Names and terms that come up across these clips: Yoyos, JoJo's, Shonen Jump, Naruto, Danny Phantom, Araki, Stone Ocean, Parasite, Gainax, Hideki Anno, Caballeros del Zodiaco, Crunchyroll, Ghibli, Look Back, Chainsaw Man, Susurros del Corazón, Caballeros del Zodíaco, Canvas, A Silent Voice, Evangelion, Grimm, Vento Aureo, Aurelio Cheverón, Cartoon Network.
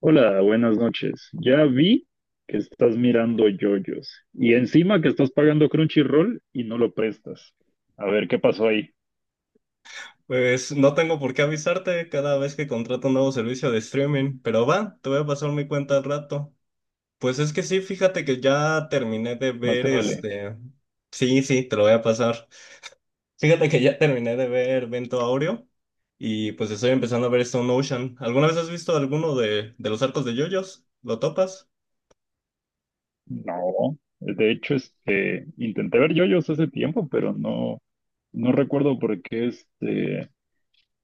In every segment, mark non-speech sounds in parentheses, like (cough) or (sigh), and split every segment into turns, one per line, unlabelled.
Hola, buenas noches. Ya vi que estás mirando yoyos y encima que estás pagando Crunchyroll y no lo prestas. A ver, ¿qué pasó ahí?
Pues no tengo por qué avisarte cada vez que contrato un nuevo servicio de streaming, pero va, te voy a pasar mi cuenta al rato. Pues es que sí, fíjate que ya terminé de
Más
ver
te vale.
este. Sí, sí, te lo voy a pasar. Fíjate que ya terminé de ver Vento Aureo y pues estoy empezando a ver Stone Ocean. ¿Alguna vez has visto alguno de los arcos de JoJo's? ¿Lo topas?
No, de hecho, intenté ver yoyos hace tiempo, pero no recuerdo por qué,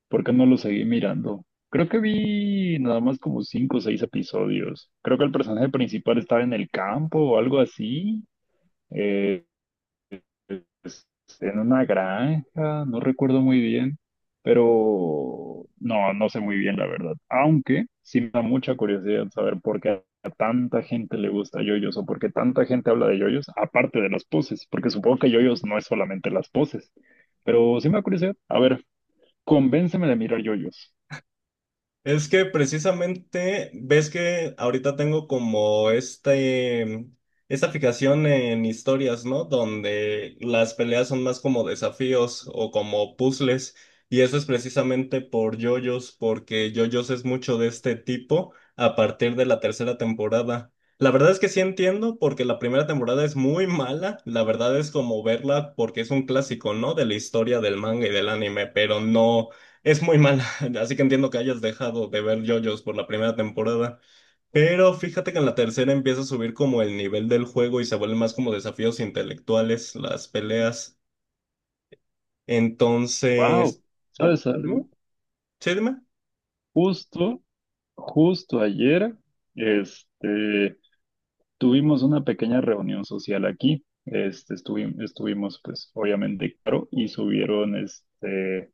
por qué no lo seguí mirando. Creo que vi nada más como cinco o seis episodios. Creo que el personaje principal estaba en el campo o algo así. Eh, pues, en una granja, no recuerdo muy bien, pero no sé muy bien la verdad. Aunque sí me da mucha curiosidad saber por qué a tanta gente le gusta yoyos o por qué tanta gente habla de yoyos, aparte de las poses, porque supongo que yoyos no es solamente las poses, pero sí me da curiosidad. A ver, convénceme de mirar yoyos.
Es que precisamente ves que ahorita tengo como esta fijación en historias, ¿no? Donde las peleas son más como desafíos o como puzzles. Y eso es precisamente por JoJo's, porque JoJo's es mucho de este tipo a partir de la tercera temporada. La verdad es que sí entiendo, porque la primera temporada es muy mala. La verdad es como verla porque es un clásico, ¿no? De la historia del manga y del anime, pero no. Es muy mala, (laughs) así que entiendo que hayas dejado de ver JoJo's por la primera temporada, pero fíjate que en la tercera empieza a subir como el nivel del juego y se vuelven más como desafíos intelectuales las peleas.
Wow,
Entonces,
¿sabes
ujú,
algo?
sí, dime.
Justo, justo ayer, este... Tuvimos una pequeña reunión social aquí. Estuvimos, pues, obviamente, Caro y subieron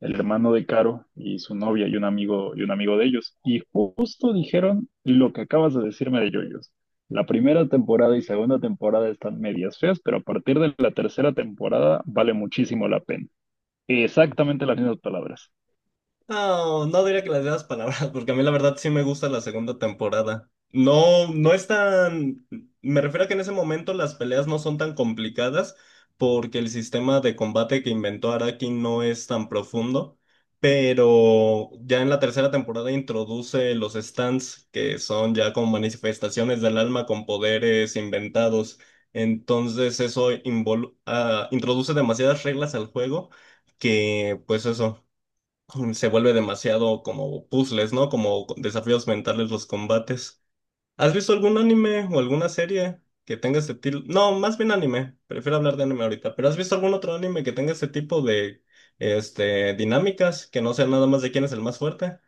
el hermano de Caro y su novia y un amigo de ellos. Y justo dijeron lo que acabas de decirme de Yoyos. La primera temporada y segunda temporada están medias feas, pero a partir de la tercera temporada vale muchísimo la pena. Exactamente las mismas palabras.
No, no diría que las mismas palabras, porque a mí la verdad sí me gusta la segunda temporada. No, no es tan... Me refiero a que en ese momento las peleas no son tan complicadas porque el sistema de combate que inventó Araki no es tan profundo, pero ya en la tercera temporada introduce los stands, que son ya como manifestaciones del alma con poderes inventados. Entonces eso introduce demasiadas reglas al juego que pues eso se vuelve demasiado como puzzles, ¿no? Como desafíos mentales los combates. ¿Has visto algún anime o alguna serie que tenga ese tipo? No, más bien anime. Prefiero hablar de anime ahorita. ¿Pero has visto algún otro anime que tenga ese tipo de dinámicas que no sea nada más de quién es el más fuerte?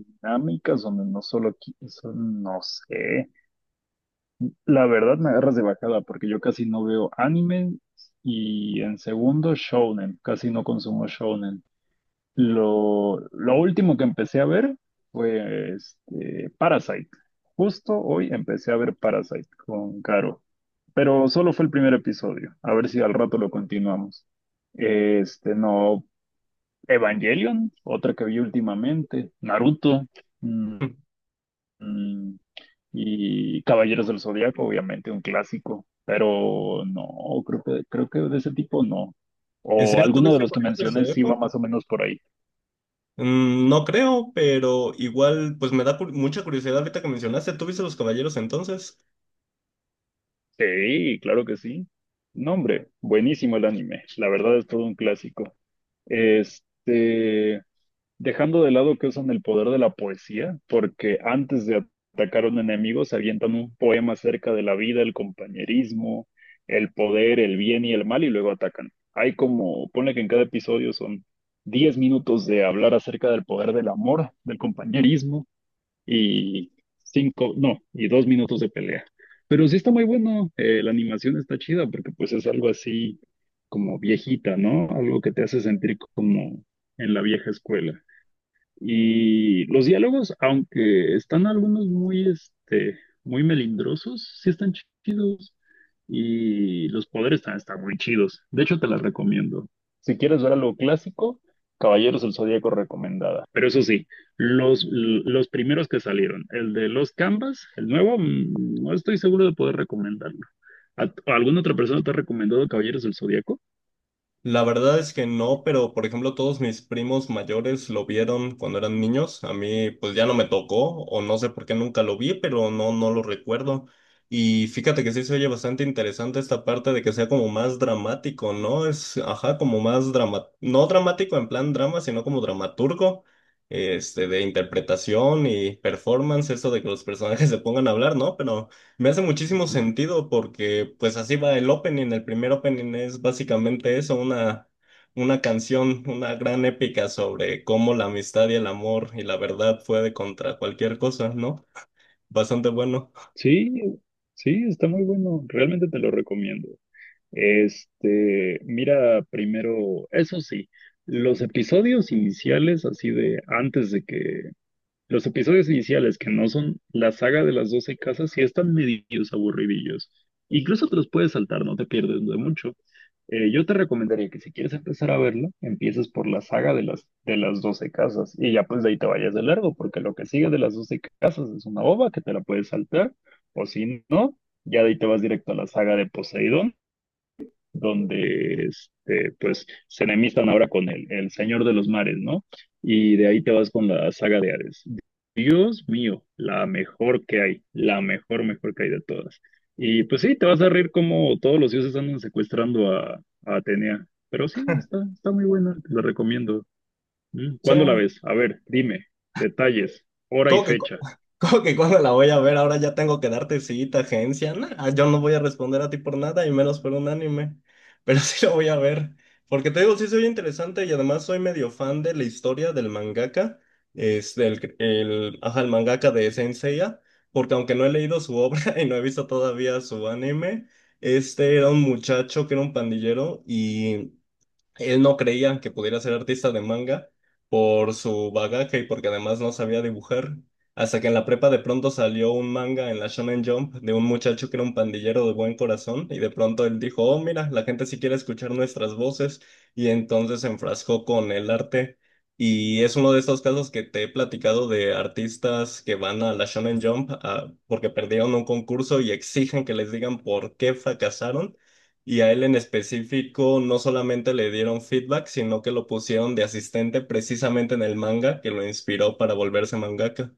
Dinámicas donde no solo, eso no sé. La verdad me agarras de bajada porque yo casi no veo anime y en segundo shonen, casi no consumo shonen. Lo último que empecé a ver fue Parasite. Justo hoy empecé a ver Parasite con Caro, pero solo fue el primer episodio. A ver si al rato lo continuamos. Este, no, Evangelion, otra que vi últimamente, Naruto. Mm.
Mm.
Mm. Y Caballeros del Zodiaco, obviamente, un clásico, pero no, creo que de ese tipo no.
¿En
O
serio
alguno de
tuviste
los que
Caballeros del
mencioné sí va
Zodíaco?
más o menos por ahí.
Mm, no creo, pero igual, pues me da mucha curiosidad ahorita que mencionaste. ¿Tú viste los caballeros entonces?
Sí, claro que sí. No, hombre, buenísimo el anime. La verdad es todo un clásico. Este, Dejando de lado que usan el poder de la poesía, porque antes de atacar a un enemigo se avientan un poema acerca de la vida, el compañerismo, el poder, el bien y el mal, y luego atacan. Hay como, ponle que en cada episodio son 10 minutos de hablar acerca del poder del amor, del compañerismo, y cinco, no, y dos minutos de pelea. Pero sí está muy bueno, la animación está chida, porque pues es algo así como viejita, ¿no? Algo que te hace sentir como en la vieja escuela. Y los diálogos, aunque están algunos muy, muy melindrosos, sí están chidos. Y los poderes también están muy chidos. De hecho, te las recomiendo. Si quieres ver algo clásico, Caballeros del Zodíaco recomendada. Pero eso sí, los primeros que salieron, el de los Canvas, el nuevo, mm, no estoy seguro de poder recomendarlo. ¿Alguna otra persona te ha recomendado Caballeros del Zodíaco?
La verdad es que no, pero por ejemplo todos mis primos mayores lo vieron cuando eran niños. A mí pues ya no me tocó o no sé por qué nunca lo vi, pero no, no lo recuerdo. Y fíjate que sí se oye bastante interesante esta parte de que sea como más dramático, ¿no? Es, ajá, como más drama, no dramático en plan drama, sino como dramaturgo, de interpretación y performance, eso de que los personajes (laughs) se pongan a hablar, ¿no? Pero... me hace muchísimo sentido porque pues así va el opening. El primer opening es básicamente eso, una canción, una gran épica sobre cómo la amistad y el amor y la verdad puede contra cualquier cosa, ¿no? Bastante bueno.
Sí, sí, está muy bueno. Realmente te lo recomiendo. Mira, primero, eso sí, los episodios iniciales, así de antes de que, los episodios iniciales que no son la saga de las 12 casas, sí están medios aburridillos. Incluso te los puedes saltar, no te pierdes de mucho. Yo te recomendaría que si quieres empezar a verla, empieces por la saga de de las 12 casas y ya pues de ahí te vayas de largo, porque lo que sigue de las 12 casas es una ova que te la puedes saltar, o si no, ya de ahí te vas directo a la saga de Poseidón donde pues se enemistan ahora con el Señor de los Mares, ¿no? Y de ahí te vas con la saga de Hades. Dios mío, la mejor que hay, la mejor, mejor que hay de todas. Y pues sí, te vas a reír como todos los dioses andan secuestrando a Atenea. Pero sí, está, está muy buena, te la recomiendo. Mm,
Sí.
¿cuándo la ves? A ver, dime, detalles, hora y
¿Cómo que,
fecha.
(laughs) cómo que cuando la voy a ver? Ahora ya tengo que darte cita, agencia. Nah, ah, yo no voy a responder a ti por nada y menos por un anime. Pero (laughs) sí lo voy a ver. Porque te digo, sí soy interesante y además soy medio fan de la historia del mangaka. Es ajá, el mangaka de Sensei. Porque aunque no he leído su obra (laughs) y no he visto todavía su anime, este era un muchacho que era un pandillero y él no creía que pudiera ser artista de manga por su bagaje y porque además no sabía dibujar. Hasta que en la prepa de pronto salió un manga en la Shonen Jump de un muchacho que era un pandillero de buen corazón y de pronto él dijo, oh, mira, la gente sí quiere escuchar nuestras voces y entonces se enfrascó con el arte. Y es uno de estos casos que te he platicado de artistas que van a la Shonen Jump, ah, porque perdieron un concurso y exigen que les digan por qué fracasaron y a él en específico no solamente le dieron feedback, sino que lo pusieron de asistente precisamente en el manga que lo inspiró para volverse mangaka.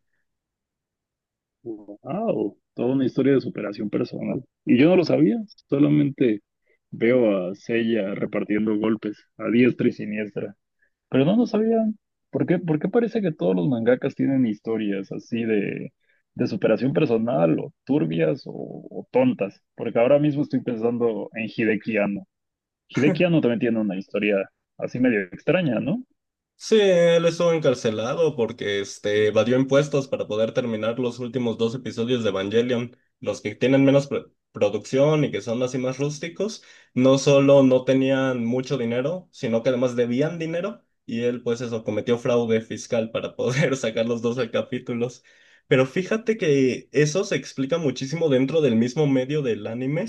Wow, toda una historia de superación personal. Y yo no lo sabía, solamente veo a Sella repartiendo golpes a diestra y siniestra. Pero no lo sabían. ¿Por qué parece que todos los mangakas tienen historias así de superación personal o turbias o tontas? Porque ahora mismo estoy pensando en Hideki Anno. Hideki Anno también tiene una historia así medio extraña, ¿no?
Sí, él estuvo encarcelado porque evadió impuestos para poder terminar los últimos dos episodios de Evangelion. Los que tienen menos producción y que son así más rústicos, no solo no tenían mucho dinero, sino que además debían dinero y él pues eso cometió fraude fiscal para poder (laughs) sacar los 12 capítulos. Pero fíjate que eso se explica muchísimo dentro del mismo medio del anime,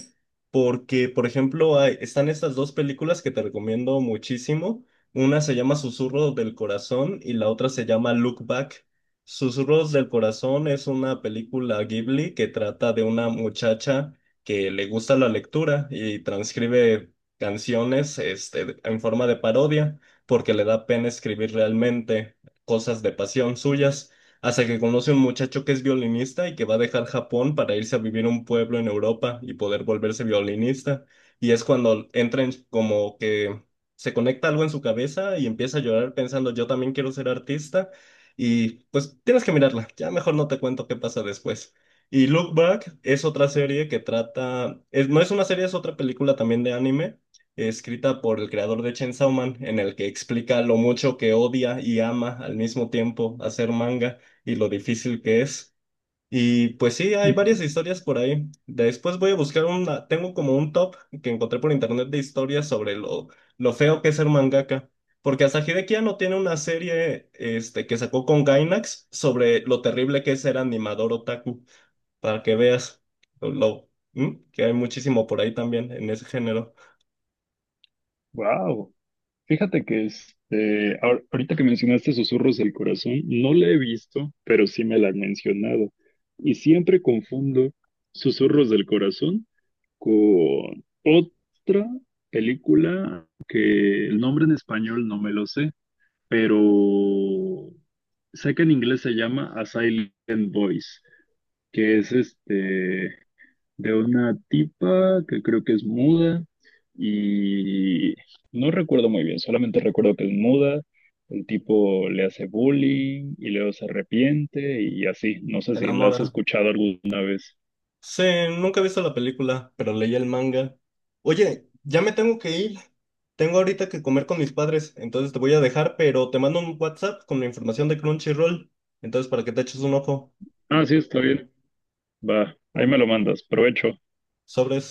porque por ejemplo están estas dos películas que te recomiendo muchísimo. Una se llama Susurros del Corazón y la otra se llama Look Back. Susurros del Corazón es una película Ghibli que trata de una muchacha que le gusta la lectura y transcribe canciones en forma de parodia porque le da pena escribir realmente cosas de pasión suyas, hasta que conoce a un muchacho que es violinista y que va a dejar Japón para irse a vivir a un pueblo en Europa y poder volverse violinista. Y es cuando entra en como que se conecta algo en su cabeza y empieza a llorar pensando, yo también quiero ser artista. Y pues tienes que mirarla, ya mejor no te cuento qué pasa después. Y Look Back es otra serie que trata, no es una serie, es otra película también de anime, escrita por el creador de Chainsaw Man, en el que explica lo mucho que odia y ama al mismo tiempo hacer manga y lo difícil que es. Y pues sí, hay varias
(laughs)
historias por ahí. Después voy a buscar una, tengo como un top que encontré por internet de historias sobre lo feo que es ser mangaka. Porque Asahi ya no tiene una serie que sacó con Gainax sobre lo terrible que es ser animador otaku, para que veas ¿mm? Que hay muchísimo por ahí también en ese género.
Wow. Fíjate que ahorita que mencionaste Susurros del Corazón, no la he visto, pero sí me la han mencionado. Y siempre confundo Susurros del Corazón con otra película que el nombre en español no me lo sé, pero sé que en inglés se llama A Silent Voice, que es de una tipa que creo que es muda y no recuerdo muy bien, solamente recuerdo que es muda, el tipo le hace bullying y luego se arrepiente y así, no sé
Te
si la has
enamoran.
escuchado alguna vez.
Sí, nunca he visto la película, pero leí el manga. Oye, ya me tengo que ir. Tengo ahorita que comer con mis padres, entonces te voy a dejar, pero te mando un WhatsApp con la información de Crunchyroll, entonces para que te eches un ojo.
Ah, sí, está bien, va, ahí
Oh,
me lo mandas, provecho.
sobres.